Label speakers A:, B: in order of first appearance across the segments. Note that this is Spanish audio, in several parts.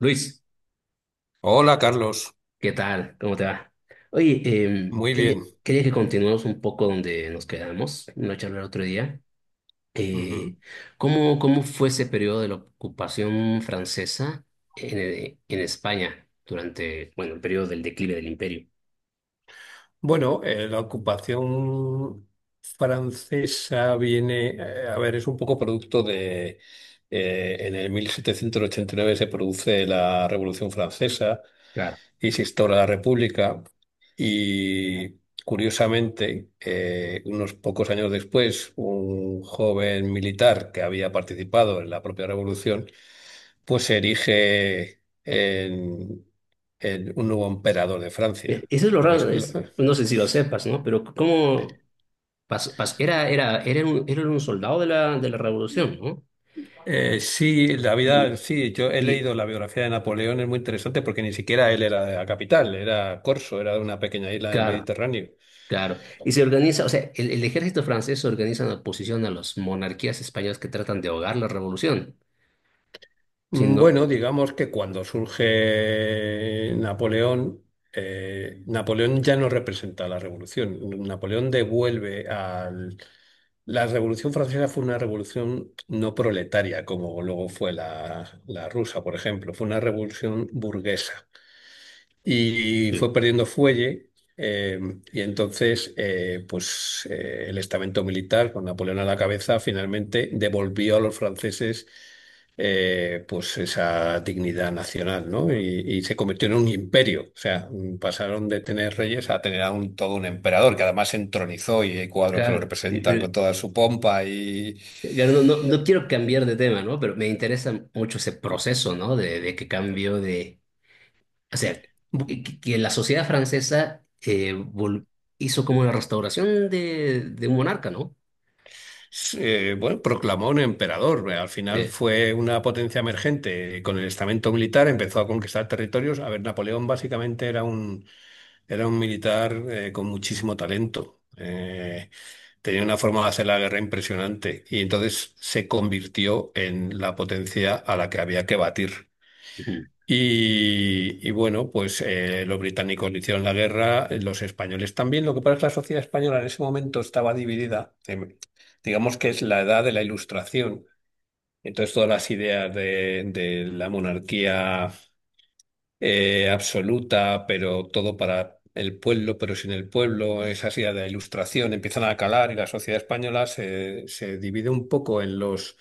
A: Luis,
B: Hola, Carlos.
A: ¿qué tal? ¿Cómo te va? Oye,
B: Muy bien.
A: quería que continuemos un poco donde nos quedamos, en la charla el otro día. Eh,
B: Ujú.
A: cómo fue ese periodo de la ocupación francesa en España durante, bueno, el periodo del declive del imperio?
B: Bueno, la ocupación francesa viene, a ver, es un poco producto de, en el 1789 se produce la Revolución Francesa
A: Claro.
B: y se instaura la República y, curiosamente, unos pocos años después, un joven militar que había participado en la propia Revolución pues se erige en un nuevo emperador de Francia.
A: Eso es lo
B: Lo que es-
A: raro, es, no sé si lo sepas, ¿no? Pero ¿cómo pasó? Era un soldado de de la revolución, ¿no?
B: sí, la
A: Y,
B: vida, sí, yo he
A: y
B: leído la biografía de Napoleón. Es muy interesante porque ni siquiera él era de la capital, era Corso, era de una pequeña isla del
A: claro.
B: Mediterráneo.
A: Claro, y se organiza, o sea, el ejército francés se organiza en oposición a las monarquías españolas que tratan de ahogar la revolución. Si
B: Mm.
A: no,
B: Bueno, digamos que cuando surge Napoleón, Napoleón ya no representa la revolución. Napoleón devuelve al La Revolución Francesa fue una revolución no proletaria, como luego fue la rusa, por ejemplo. Fue una revolución burguesa y fue perdiendo fuelle. eh, y entonces, el estamento militar, con Napoleón a la cabeza, finalmente devolvió a los franceses pues esa dignidad nacional, ¿no? Y se convirtió en un imperio. O sea, mm, pasaron de tener reyes a tener a todo un emperador, que además se entronizó, y hay cuadros que lo
A: claro,
B: representan con toda su pompa. Y
A: claro, no quiero cambiar de tema, ¿no? Pero me interesa mucho ese proceso, ¿no? De que cambió de, o sea, que la sociedad francesa hizo como la restauración de un monarca, ¿no?
B: bueno, proclamó un emperador. Al final
A: Sí,
B: fue una potencia emergente. Con el estamento militar empezó a conquistar territorios. A ver, Napoleón básicamente era un militar con muchísimo talento. Tenía una forma de hacer la guerra impresionante, y entonces se convirtió en la potencia a la que había que batir.
A: ujú,
B: Y bueno, pues los británicos le hicieron la guerra, los españoles también. Lo que pasa es que la sociedad española en ese momento estaba dividida. Digamos que es la edad de la Ilustración. Entonces, todas las ideas de la monarquía absoluta, pero todo para el pueblo, pero sin el pueblo, esas ideas de la Ilustración empiezan a calar, y la sociedad española se divide un poco en los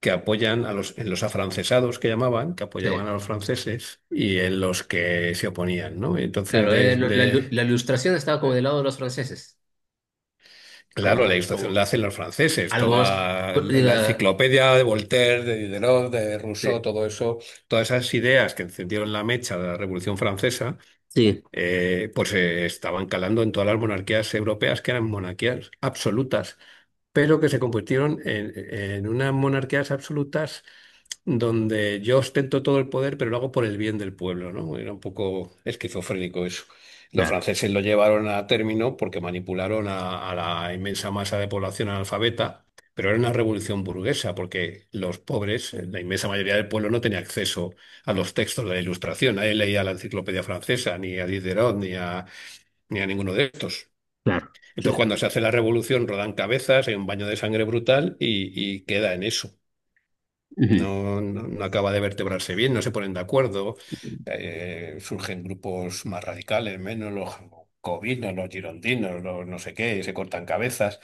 B: que apoyan a los, en los afrancesados, que llamaban, que
A: sí.
B: apoyaban a los franceses, y en los que se oponían, ¿no?
A: Claro, la ilustración estaba como del lado de los franceses,
B: Claro, la Ilustración la
A: como
B: hacen los franceses,
A: algo más,
B: toda la
A: diga...
B: enciclopedia de Voltaire, de Diderot, de
A: Sí.
B: Rousseau, todo eso, todas esas ideas que encendieron la mecha de la Revolución Francesa.
A: Sí,
B: Pues se estaban calando en todas las monarquías europeas, que eran monarquías absolutas, pero que se convirtieron en unas monarquías absolutas donde yo ostento todo el poder, pero lo hago por el bien del pueblo, ¿no? Era un poco esquizofrénico eso. Los
A: claro,
B: franceses lo llevaron a término porque manipularon a la inmensa masa de población analfabeta, pero era una revolución burguesa, porque los pobres, la inmensa mayoría del pueblo, no tenía acceso a los textos de la Ilustración. Nadie leía la enciclopedia francesa, ni a Diderot, ni a ni a ninguno de estos.
A: claro, sí.
B: Entonces, cuando se hace la revolución, rodan cabezas, hay un baño de sangre brutal, y queda en eso.
A: Ujú.
B: No, no, no acaba de vertebrarse bien, no se ponen de acuerdo, surgen grupos más radicales, menos los jacobinos, los girondinos, los no sé qué, se cortan cabezas.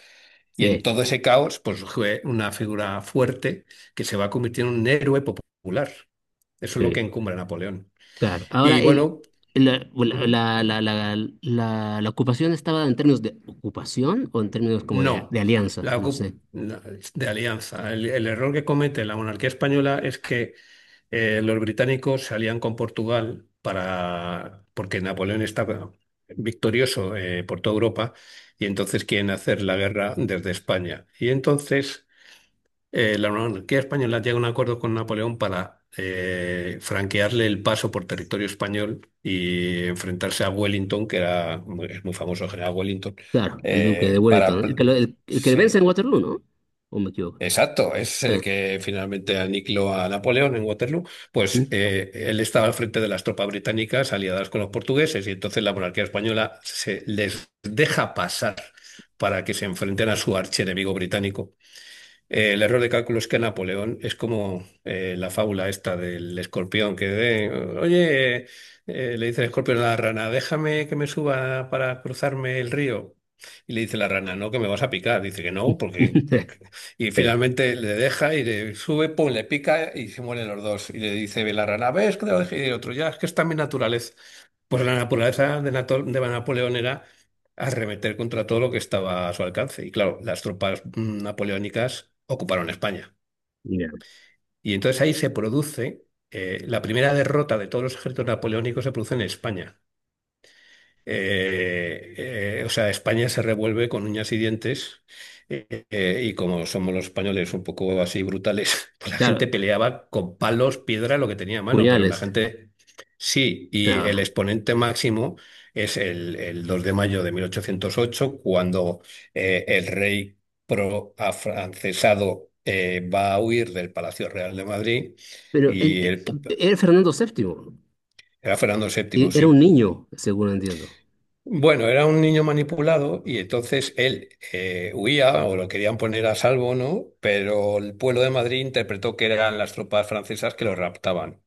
B: Y en
A: Sí,
B: todo ese caos, pues surge una figura fuerte que se va a convertir en un héroe popular. Eso es lo
A: sí,
B: que encumbra a Napoleón.
A: claro.
B: Y
A: Ahora,
B: bueno,
A: la, la,
B: ujú.
A: la, la, la ocupación estaba en términos de ocupación o en términos como de
B: no,
A: alianza,
B: la,
A: no sé.
B: ocu- la- de alianza. El error que comete la monarquía española es que los británicos se alían con Portugal para, porque Napoleón está victorioso por toda Europa, y entonces quieren hacer la guerra desde España. Y entonces la monarquía española llega a un acuerdo con Napoleón para franquearle el paso por territorio español y enfrentarse a Wellington, que es muy famoso el general Wellington.
A: Claro, el duque de
B: eh, para...
A: Wellington, el que vence en
B: Sí,
A: Waterloo, ¿no? ¿O me equivoco?
B: exacto, es
A: Sí.
B: el que finalmente aniquiló a Napoleón en Waterloo. Pues
A: ¿Mm?
B: él estaba al frente de las tropas británicas aliadas con los portugueses, y entonces la monarquía española se les deja pasar para que se enfrenten a su archienemigo británico. El error de cálculo es que Napoleón es como la fábula esta del escorpión. Oye, le dice el escorpión a la rana, déjame que me suba para cruzarme el río. Y le dice la rana, no, que me vas a picar. Dice que no, porque, porque... Y
A: Sí,
B: finalmente le deja y le sube, pum, le pica y se mueren los dos. Y le dice la rana, ¿ves que te lo dejé? Y el otro, ya, es que está mi naturaleza. Pues la naturaleza de Napoleón era arremeter contra todo lo que estaba a su alcance. Y claro, las tropas napoleónicas ocuparon España.
A: ya.
B: Y entonces ahí se produce, la primera derrota de todos los ejércitos napoleónicos se produce en España. O sea, España se revuelve con uñas y dientes, y como somos los españoles un poco así brutales, pues la
A: Claro,
B: gente peleaba con palos, piedra, lo que tenía a mano. Pero la
A: puñales.
B: gente sí, y el
A: Ah,
B: exponente máximo es el 2 de mayo de mil ochocientos ocho, cuando el rey pro-afrancesado va a huir del Palacio Real de Madrid.
A: Pero en-
B: y el, pu-
A: era Fernando VII,
B: era Fernando VII,
A: era
B: sí.
A: un niño, según entiendo.
B: Bueno, era un niño manipulado, y entonces él huía, o lo querían poner a salvo, ¿no? Pero el pueblo de Madrid interpretó que eran las tropas francesas que lo raptaban.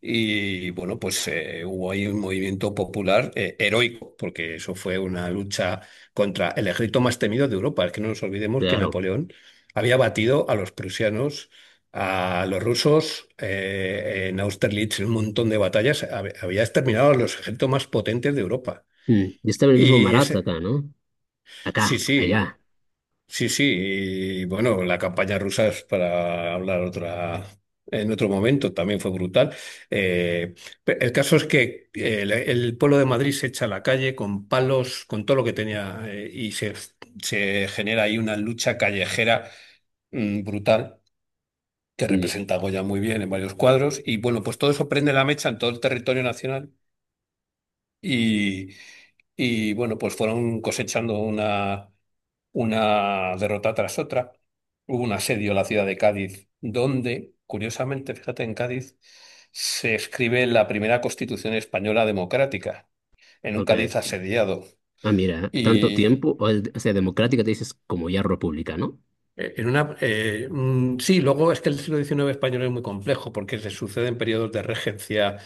B: Y bueno, pues hubo ahí un movimiento popular heroico, porque eso fue una lucha contra el ejército más temido de Europa. Es que no nos olvidemos que
A: Claro.
B: Napoleón había batido a los prusianos, a los rusos, en Austerlitz, en un montón de batallas, había exterminado a los ejércitos más potentes de Europa.
A: Mm. Y estaba en el mismo
B: Y
A: Marat
B: ese,
A: acá, ¿no?
B: sí,
A: Acá,
B: sí,
A: allá.
B: sí, sí. Y bueno, la campaña rusa es para hablar otra, en otro momento, también fue brutal. Eh, el caso es que el pueblo de Madrid se echa a la calle con palos, con todo lo que tenía, y se genera ahí una lucha callejera brutal, que
A: Y-
B: representa a Goya muy bien en varios cuadros. Y bueno, pues todo eso prende la mecha en todo el territorio nacional, y, y bueno, pues fueron cosechando una derrota tras otra. Hubo un asedio a la ciudad de Cádiz, donde, curiosamente, fíjate, en Cádiz se escribe la primera Constitución española democrática, en un
A: Porque,
B: Cádiz asediado.
A: ah, mira, tanto
B: Y
A: tiempo, o, o sea, democrática te dices como ya república, ¿no?
B: sí, luego es que el siglo XIX español es muy complejo, porque se suceden periodos de regencia.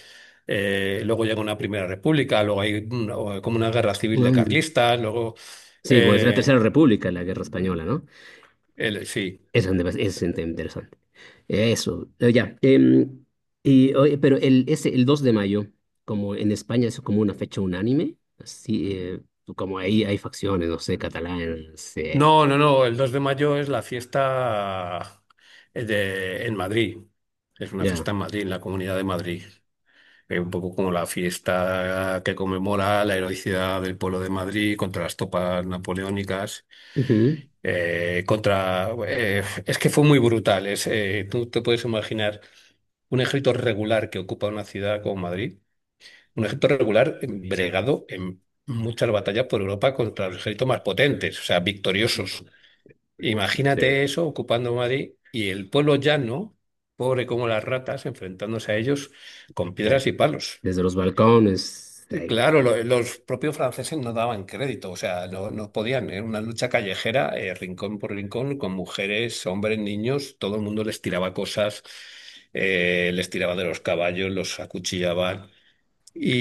B: Luego llega una primera república, luego hay una- o- como una guerra civil de
A: Mm,
B: carlistas, luego
A: sí, pues la Tercera
B: eh,
A: República, la Guerra Española, ¿no?
B: sí.
A: Eso es, es interesante. Eso, ya. Y, oye, pero el 2 de mayo, como en España es como una fecha unánime, así, como ahí hay facciones, no sé, catalanes,
B: No, no, no, el 2 de mayo es la fiesta en Madrid. Es una
A: ya.
B: fiesta en Madrid, en la Comunidad de Madrid. Es un poco como la fiesta que conmemora la heroicidad del pueblo de Madrid contra las tropas napoleónicas.
A: Ujú,
B: Es que fue muy brutal. Es, tú te puedes imaginar un ejército regular que ocupa una ciudad como Madrid, un ejército regular bregado en muchas batallas por Europa contra los ejércitos más potentes, o sea, victoriosos.
A: sí,
B: Imagínate eso ocupando Madrid, y el pueblo llano, pobre como las ratas, enfrentándose a ellos con
A: eh,
B: piedras y palos.
A: desde los balcones,
B: Y
A: ahí,
B: claro, los propios franceses no daban crédito, o sea, no, no podían. Era una lucha callejera, rincón por rincón, con mujeres, hombres, niños, todo el mundo les tiraba cosas, les tiraba de los caballos, los acuchillaban.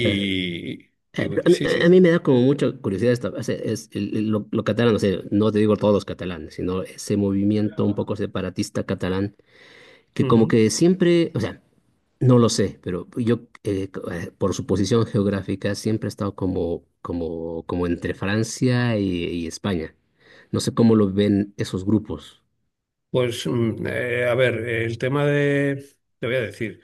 A: eh,
B: y
A: Eh, pero a mí,
B: sí, sí.
A: a mí me da como mucha curiosidad esta, lo catalán, o sea, no te digo todos los catalanes, sino ese movimiento un poco separatista catalán, que como que siempre, o sea, no lo sé, pero yo, por su posición geográfica, siempre he estado como entre Francia y España. No sé cómo lo ven esos grupos.
B: Pues, a ver, te voy a decir,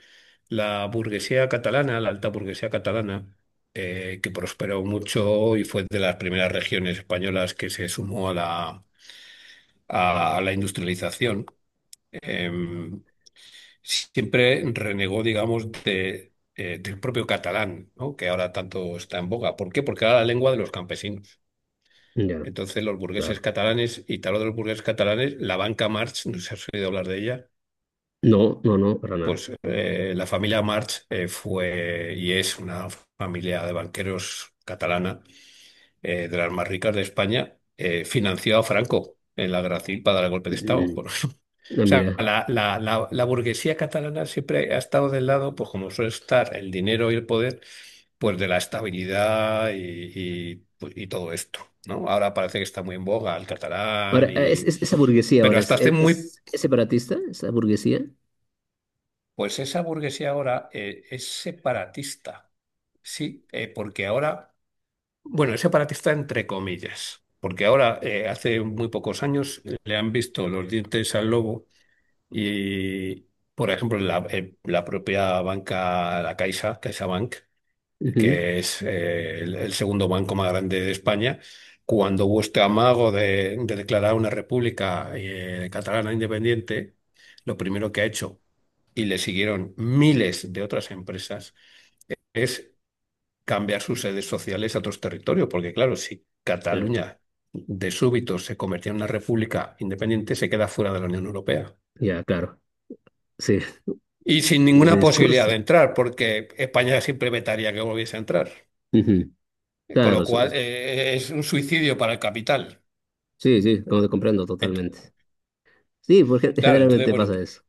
B: la burguesía catalana, la alta burguesía catalana, que prosperó mucho y fue de las primeras regiones españolas que se sumó a la industrialización, em, siempre renegó, digamos, del propio catalán, ¿no? Que ahora tanto está en boga. ¿Por qué? Porque era la lengua de los campesinos.
A: Ya,
B: Entonces, los burgueses
A: claro.
B: catalanes, y te hablo de los burgueses catalanes, la banca Marx, no sé si has oído hablar de ella.
A: No, no, no, para nada.
B: Pues la familia March fue y es una familia de banqueros catalana, de las más ricas de España. Financió a Franco en la Gracil para dar el golpe de Estado.
A: Mm,
B: O
A: no,
B: sea,
A: mira.
B: la burguesía catalana siempre ha estado del lado, pues como suele estar el dinero y el poder, pues de la estabilidad, y, pues, y todo esto, ¿no? Ahora parece que está muy en boga el
A: Ahora,
B: catalán y...
A: esa burguesía
B: Pero
A: ahora
B: hasta hace muy
A: es separatista, esa burguesía.
B: Pues esa burguesía ahora es separatista, sí, porque ahora, bueno, es separatista entre comillas, porque ahora, hace muy pocos años, le han visto los dientes al lobo. Y, por ejemplo, la, la propia banca, la Caixa, CaixaBank,
A: Ujú,
B: que es el segundo banco más grande de España, cuando vuestro amago de declarar una república catalana independiente, lo primero que ha hecho, y le siguieron miles de otras empresas, es cambiar sus sedes sociales a otros territorios, porque claro, si
A: ya,
B: Cataluña de súbito se convertía en una república independiente, se queda fuera de la Unión Europea.
A: ya, claro. Sí,
B: Y sin
A: lo de
B: ninguna posibilidad de
A: discurso.
B: entrar, porque España siempre vetaría que volviese a entrar.
A: Ujú.
B: Con lo
A: Claro, so-
B: cual, es un suicidio para el capital.
A: sí, sí, como te comprendo
B: Ent-
A: totalmente. Sí, porque
B: claro, entonces,
A: generalmente
B: bueno.
A: pasa eso.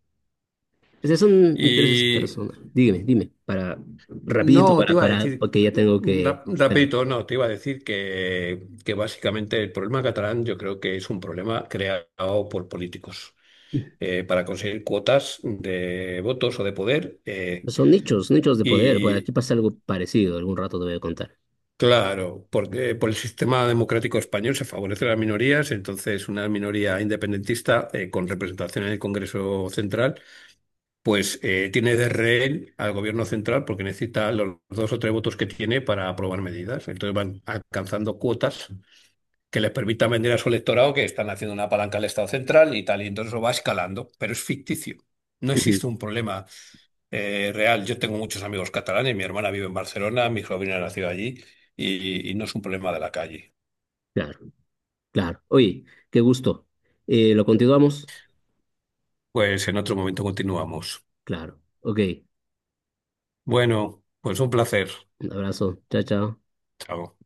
A: Ese son intereses
B: Y
A: personales. Dígame, dime, para, rapidito,
B: no, te iba a decir,
A: porque ya tengo que salir.
B: rapidito. No, te iba a decir que básicamente el problema catalán yo creo que es un problema creado por políticos para conseguir cuotas de votos o de poder.
A: Son nichos, nichos de poder. Bueno, aquí
B: Y
A: pasa algo parecido, algún rato te voy a contar.
B: claro, porque por el sistema democrático español se favorecen las minorías, entonces una minoría independentista con representación en el Congreso Central, pues tiene de rehén al gobierno central, porque necesita los dos o tres votos que tiene para aprobar medidas. Entonces van alcanzando cuotas que les permitan vender a su electorado que están haciendo una palanca al Estado central y tal, y entonces eso va escalando, pero es ficticio. No
A: Ujú.
B: existe un problema real. Yo tengo muchos amigos catalanes, mi hermana vive en Barcelona, mi sobrina nació allí, y no es un problema de la calle.
A: Claro, claro. Oye, qué gusto. ¿Lo continuamos?
B: Pues en otro momento continuamos.
A: Claro. Ok,
B: Bueno, pues un placer.
A: un abrazo. Chao, chao.
B: Chao.